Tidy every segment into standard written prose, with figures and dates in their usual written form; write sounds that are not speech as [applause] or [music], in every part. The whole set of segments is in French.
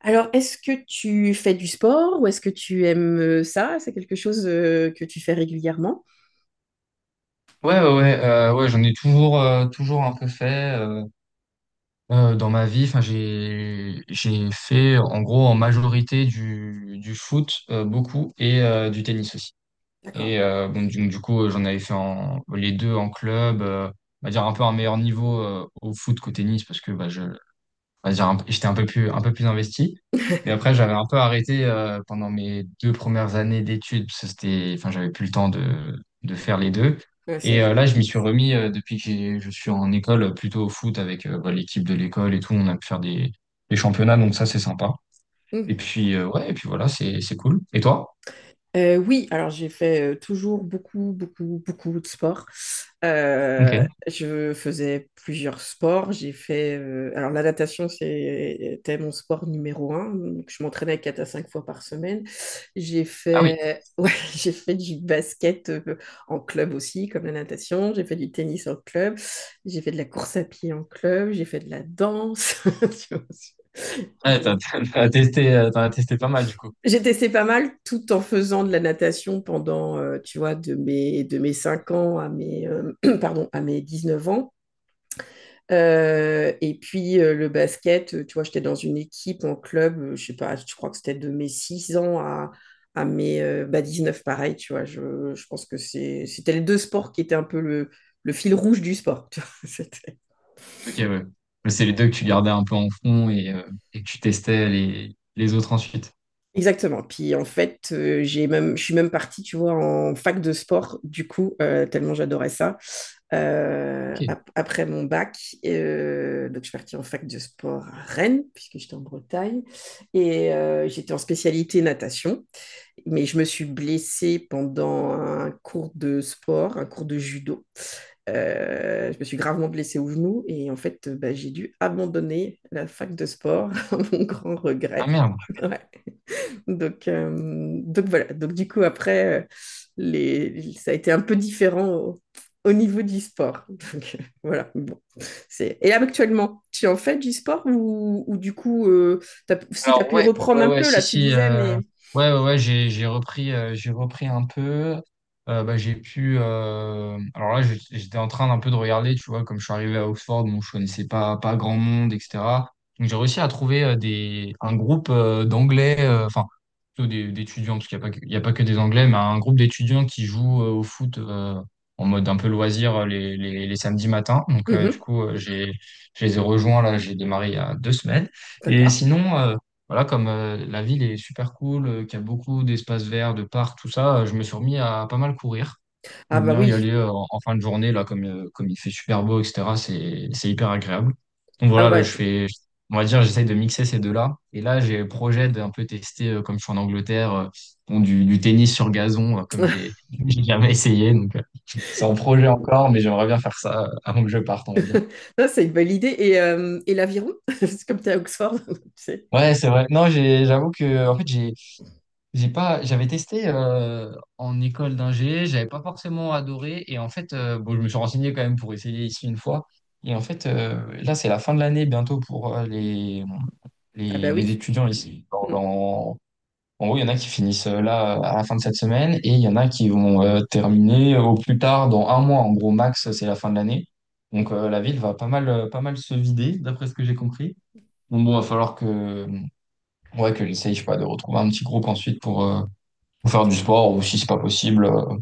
Alors, est-ce que tu fais du sport ou est-ce que tu aimes ça? C'est quelque chose que tu fais régulièrement? Ouais, ouais, ouais, ouais, j'en ai toujours, toujours un peu fait dans ma vie. Enfin, j'ai fait en gros en majorité du foot beaucoup et du tennis aussi. D'accord. Et bon, du coup, j'en avais fait les deux en club. On va dire un peu un meilleur niveau au foot qu'au tennis parce que bah, je, on va dire, j'étais un peu plus investi. Et après, [laughs] j'avais un peu arrêté pendant mes deux premières années d'études, parce que c'était, enfin, j'avais plus le temps de faire les deux. Ouais, Et c'est- là, je m'y suis remis depuis que je suis en école, plutôt au foot avec bah, l'équipe de l'école et tout. On a pu faire des championnats, donc ça, c'est sympa. Et puis, ouais, et puis voilà, c'est cool. Et toi? Oui, alors j'ai fait toujours beaucoup, beaucoup, beaucoup de sport. Ok. Je faisais plusieurs sports. J'ai fait. Alors la natation, c'est- c'était mon sport numéro un. Donc, je m'entraînais quatre à cinq fois par semaine. J'ai Ah oui. fait, [laughs] ouais, j'ai fait du basket en club aussi, comme la natation. J'ai fait du tennis en club. J'ai fait de la course à pied en club. J'ai fait de la danse. [laughs] Tu vois, Ouais, t'as, je- t'as [laughs] t'as testé, t'en as testé pas mal, du coup. j'ai testé pas mal tout en faisant de la natation pendant, tu vois, de mes 5 ans à mes, [clears throat] pardon, à mes 19 ans. Et puis le basket, tu vois, j'étais dans une équipe en club, je sais pas, je crois que c'était de mes 6 ans à mes bah, 19, pareil, tu vois. Je pense que c'était les deux sports qui étaient un peu le fil rouge du sport. Tu vois. [laughs] C'était- Ok, ouais. Mais c'est les deux que tu gardais un peu en fond et, que tu testais les autres ensuite. Exactement. Puis en fait, j'ai même, je suis même partie, tu vois, en fac de sport, du coup, tellement j'adorais ça. Ok. Après mon bac, donc je suis partie en fac de sport à Rennes, puisque j'étais en Bretagne, et j'étais en spécialité natation. Mais je me suis blessée pendant un cours de sport, un cours de judo. Je me suis gravement blessée au genou et en fait, bah, j'ai dû abandonner la fac de sport [laughs] à mon grand Ah regret. merde. Ouais. Donc voilà. Donc du coup, après, les, ça a été un peu différent au, au niveau du sport. [laughs] Donc voilà. Bon, c'est... Et là, actuellement, tu en fais du sport ou du coup, t'as- si tu as Alors pu ouais, reprendre ouais, un ouais, peu, si, là, tu si, disais, mais... ouais, ouais, ouais, j'ai repris un peu. Bah, j'ai pu. Alors là, j'étais en train d'un peu de regarder, tu vois, comme je suis arrivé à Oxford, bon, je connaissais pas, pas grand monde, etc. Donc j'ai réussi à trouver un groupe d'anglais, enfin, plutôt d'étudiants, parce qu'il y a pas que des anglais, mais un groupe d'étudiants qui jouent au foot en mode un peu loisir les samedis matins. Donc du Mhm, coup, je les ai rejoints là, j'ai démarré il y a deux semaines. Et d'accord. sinon, voilà, comme la ville est super cool, qu'il y a beaucoup d'espaces verts, de parcs, tout ça, je me suis remis à pas mal courir. Ah J'aime bah bien y oui. aller en fin de journée, là, comme il fait super beau, etc. C'est hyper agréable. Donc Ah voilà, là, bah, je fais, on va dire, j'essaye de mixer ces deux-là. Et là, j'ai le projet d'un peu tester, comme je suis en Angleterre, bon, du tennis sur gazon, comme [laughs] j'ai [laughs] j'ai jamais essayé. Donc, c'est en projet encore, mais j'aimerais bien faire ça avant que je parte, on va dire. ça, c'est une belle idée. Et l'aviron, [laughs] c'est comme tu es à Oxford. [laughs] c'est- Ouais, c'est vrai. Non, j'avoue que, en fait, j'ai pas, j'avais testé en école d'ingé, j'avais pas forcément adoré. Et en fait, bon, je me suis renseigné quand même pour essayer ici une fois. Et en fait, là, c'est la fin de l'année bientôt pour les, Ah les, bah les oui. étudiants ici. Mm, En gros, il y en a qui finissent là à la fin de cette semaine et il y en a qui vont terminer au plus tard dans un mois. En gros, max, c'est la fin de l'année. Donc, mm. La ville va pas mal se vider, d'après ce que j'ai compris. Donc, bon, il va falloir que, ouais, que j'essaye, je sais pas, de retrouver un petit groupe ensuite pour. Ou faire du sport, ou si c'est pas possible,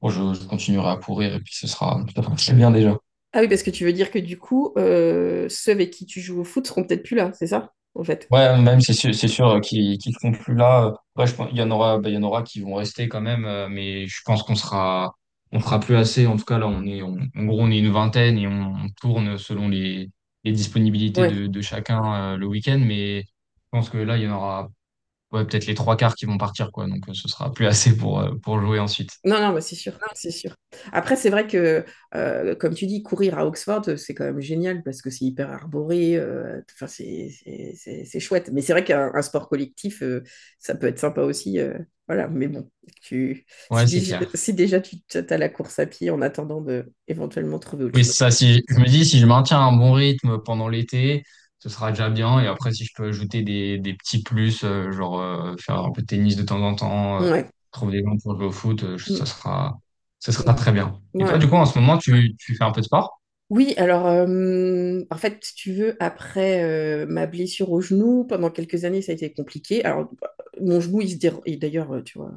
bon, je continuerai à courir et puis ce sera ça fera très bien déjà. Ah oui, parce que tu veux dire que du coup, ceux avec qui tu joues au foot seront peut-être plus là, c'est ça, en fait? Ouais, même c'est sûr qu'ils seront plus là. Ouais, je pense, il y en aura, bah, il y en aura qui vont rester quand même, mais je pense qu'on sera plus assez. En tout cas, là, en gros, on est une vingtaine et on tourne selon les disponibilités de chacun le week-end. Mais je pense que là, il y en aura, ouais, peut-être les trois quarts qui vont partir, quoi. Donc, ce sera plus assez pour jouer ensuite. Non, non, mais c'est sûr, c'est sûr. Après, c'est vrai que, comme tu dis, courir à Oxford, c'est quand même génial parce que c'est hyper arboré, enfin, c'est chouette. Mais c'est vrai qu'un un sport collectif, ça peut être sympa aussi. Voilà, mais bon, tu, Ouais, c'est clair. si déjà tu as la course à pied en attendant de éventuellement trouver autre Oui, c'est chose. ça. Si me dis, si je maintiens un bon rythme pendant l'été, ce sera déjà bien. Et après, si je peux ajouter des petits plus, genre faire un peu de tennis de temps en temps, Ouais. trouver des gens pour jouer au foot, ça Mm, sera, ça sera très bien. mm, Et toi, ouais. du coup, en ce moment, tu fais un peu de sport? Oui, alors, en fait, si tu veux, après ma blessure au genou, pendant quelques années, ça a été compliqué. Alors, bah, mon genou, il se dérobe, et d'ailleurs, tu vois,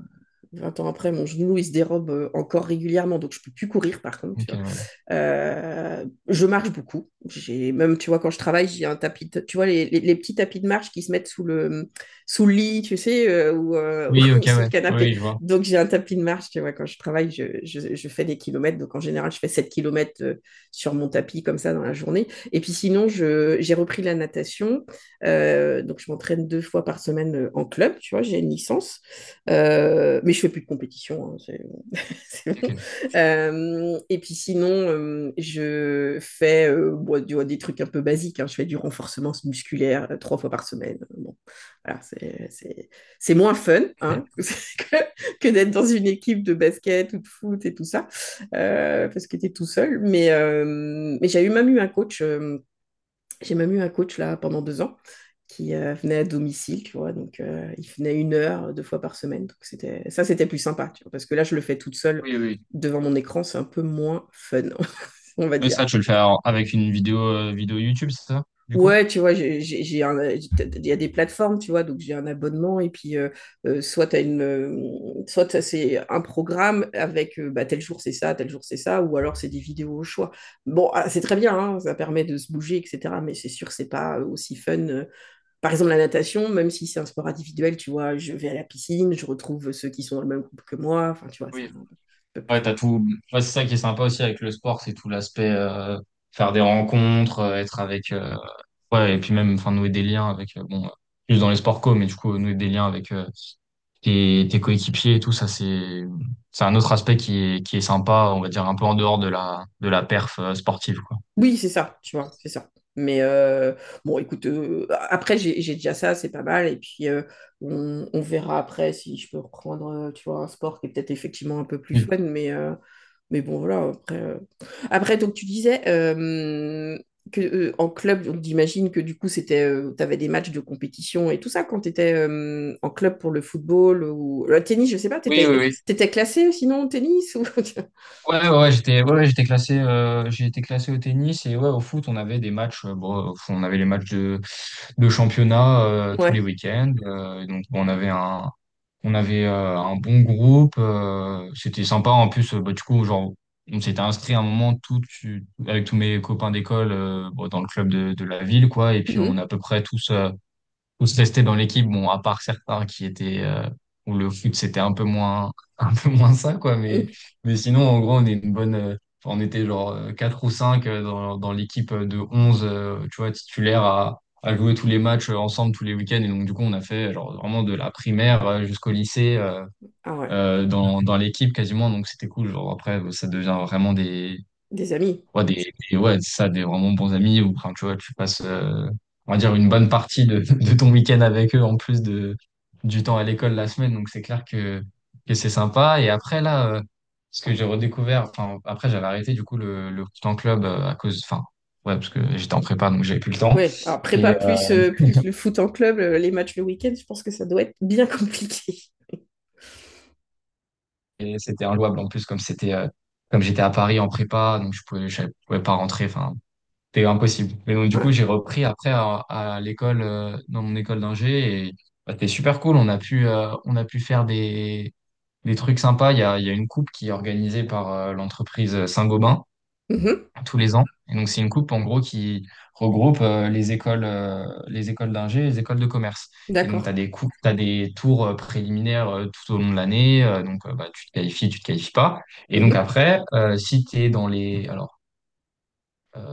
vingt ans après, mon genou, il se dérobe encore régulièrement, donc je ne peux plus courir, par contre, Ok, tu vois. ouais. Je marche beaucoup. J'ai même, tu vois, quand je travaille, j'ai un tapis, de- tu vois, les petits tapis de marche qui se mettent sous le lit, tu sais, ou, Oui, [laughs] ok, ou sous le ouais. canapé. Oui, je vois. Donc, j'ai un tapis de marche, tu vois, quand je travaille, je fais des kilomètres. Donc, en général, je fais 7 kilomètres sur mon tapis, comme ça, dans la journée. Et puis, sinon, je- j'ai repris la natation. Donc, je m'entraîne deux fois par semaine en club, tu vois, j'ai une licence. Mais je fais plus de compétition, hein, c'est [laughs] c'est bon. Ok, Et puis sinon, je fais bon, tu vois, des trucs un peu basiques, hein. Je fais du renforcement musculaire trois fois par semaine, hein. Bon, voilà, c'est moins fun hein, ok. [laughs] Que d'être dans une équipe de basket ou de foot et tout ça, parce que tu es tout seul. Mais j'ai eu même eu un coach. J'ai même eu un coach là pendant deux ans qui venait à domicile, tu vois. Donc, il venait une heure, deux fois par semaine. Donc, c'était plus sympa, tu vois, parce que là, je le fais toute seule Oui, oui. devant mon écran, c'est un peu moins fun, [laughs] on va Oui, dire. ça, tu veux le faire avec une vidéo YouTube, c'est ça, du coup? Ouais, tu vois, j'ai un- il y a des plateformes, tu vois, donc j'ai un abonnement et puis soit t'as une, soit t'as- c'est un programme avec bah, tel jour c'est ça, tel jour c'est ça, ou alors c'est des vidéos au choix. Bon, ah, c'est très bien, hein, ça permet de se bouger, etc. Mais c'est sûr, c'est pas aussi fun par exemple, la natation, même si c'est un sport individuel, tu vois, je vais à la piscine, je retrouve ceux qui sont dans le même groupe que moi. Enfin, tu vois, c'est Oui, un peu ouais, t'as plus tout. Ouais, c'est ça qui est sympa aussi avec le sport, c'est tout l'aspect faire des rencontres, être avec ouais, et puis même, enfin, nouer des liens avec, bon, plus dans les sports co, mais du coup, nouer des liens avec tes coéquipiers et tout, ça, c'est un autre aspect qui est sympa, on va dire, un peu en dehors de la perf sportive, quoi. oui, c'est ça, tu vois, c'est ça. Mais bon, écoute, après, j'ai déjà ça, c'est pas mal. Et puis, on verra après si je peux reprendre, tu vois, un sport qui est peut-être effectivement un peu plus Oui. fun. Mais bon, voilà, après. Après, donc, tu disais que, en club, donc, j'imagine que du coup, c'était, tu avais des matchs de compétition et tout ça quand tu étais en club pour le football ou le tennis, je sais pas, tu Oui, oui, oui. étais, classé sinon au tennis ou... [laughs] Ouais, ouais, ouais, j'étais classé, j'ai été classé au tennis et ouais, au foot, on avait des matchs, bon, au foot, on avait les matchs de championnat tous les Ouais. week-ends. Et donc, bon, on avait un bon groupe. C'était sympa. En plus, bah, du coup, genre, on s'était inscrit à un moment tout, avec tous mes copains d'école bon, dans le club de la ville, quoi. Et puis, on est Mhm. à peu près tous restés dans l'équipe, bon, à part certains qui étaient où le foot c'était un peu moins [laughs] un peu moins ça quoi, mais Mhm. Sinon en gros on est une bonne enfin, on était genre quatre ou cinq dans l'équipe de 11 tu vois titulaire à jouer tous les matchs ensemble tous les week-ends, et donc du coup on a fait genre vraiment de la primaire jusqu'au lycée, Ah ouais, dans l'équipe quasiment, donc c'était cool, genre après ça devient vraiment des des amis. Ouais, ouais, c'est ça, des vraiment bons amis, ou enfin, tu vois, tu passes, on va dire, une bonne partie [laughs] de ton week-end avec eux, en plus du temps à l'école la semaine, donc c'est clair que c'est sympa. Et après, là, ce que j'ai redécouvert, enfin, après, j'avais arrêté, du coup, le temps club à cause, enfin, ouais, parce que j'étais en prépa, donc j'avais plus le temps. Oui, alors prépa Et, plus, euh, plus le foot en club, les matchs le week-end, je pense que ça doit être bien [laughs] compliqué. et c'était inlouable, en plus, comme j'étais à Paris en prépa, donc je pouvais pas rentrer, enfin, c'était impossible. Mais donc, du Ouais. coup, j'ai repris après à l'école, dans mon école d'ingé, et bah, c'était super cool. On a pu faire des trucs sympas. Il y a une coupe qui est organisée par l'entreprise Saint-Gobain Mhm, tous les ans. Et donc, c'est une coupe, en gros, qui regroupe les écoles d'ingé et les écoles de commerce. Et donc, tu d'accord. as des coupes, t'as des tours préliminaires tout au long de l'année. Donc, bah, tu te qualifies pas. Et donc, Mhm. après, si tu es dans les... alors,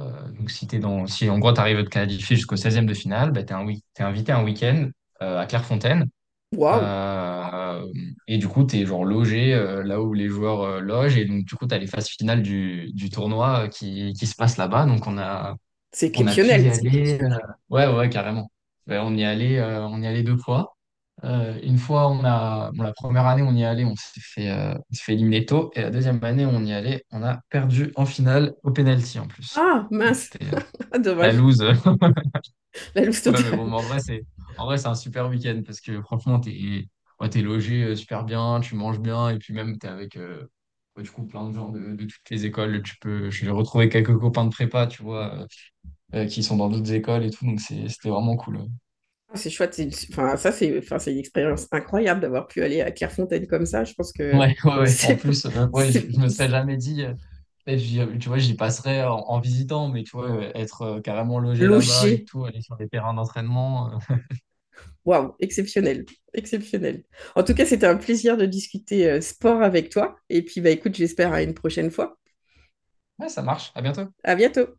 donc, si t'es dans, si en gros, tu arrives à te qualifier jusqu'au seizième de finale, bah, t'es invité un week-end à Clairefontaine. Waouh, Euh, et du coup, t'es genre logé là où les joueurs logent. Et donc, du coup, t'as les phases finales du tournoi qui se passent là-bas. Donc, on a, c'est on a pu y exceptionnel. aller. Ouais, ouais, carrément. Ouais, on y allait deux fois. Une fois, on a, bon, la première année, on y allait, on s'est fait éliminer tôt. Et la deuxième année, on y allait, on a perdu en finale au penalty en plus. Ah, Donc, mince. c'était [laughs] Ah, la dommage. loose. [laughs] La loose Ouais, mais totale. bon, mais en vrai, c'est un super week-end parce que franchement, t'es ouais, t'es logé super bien, tu manges bien, et puis même, t'es avec ouais, du coup plein de gens de toutes les écoles. Tu peux, j'ai retrouvé quelques copains de prépa, tu vois, qui sont dans d'autres écoles et tout, donc c'est, c'était vraiment cool. Ah, c'est chouette. C'est une- Enfin, ça, c'est enfin, c'est une expérience incroyable d'avoir pu aller à Clairefontaine comme ça. Je pense que Ouais, [laughs] ouais, [laughs] ouais. En c'est p- plus, ouais, je, c'est- je me serais c'est- jamais dit, tu vois, j'y passerais en visitant, mais tu vois, être carrément logé là-bas et logé. tout, aller sur des terrains d'entraînement. Waouh, exceptionnel. Exceptionnel. En tout cas, c'était un plaisir de discuter sport avec toi. Et puis, bah, écoute, j'espère à une prochaine fois. [laughs] Ouais, ça marche. À bientôt. À bientôt.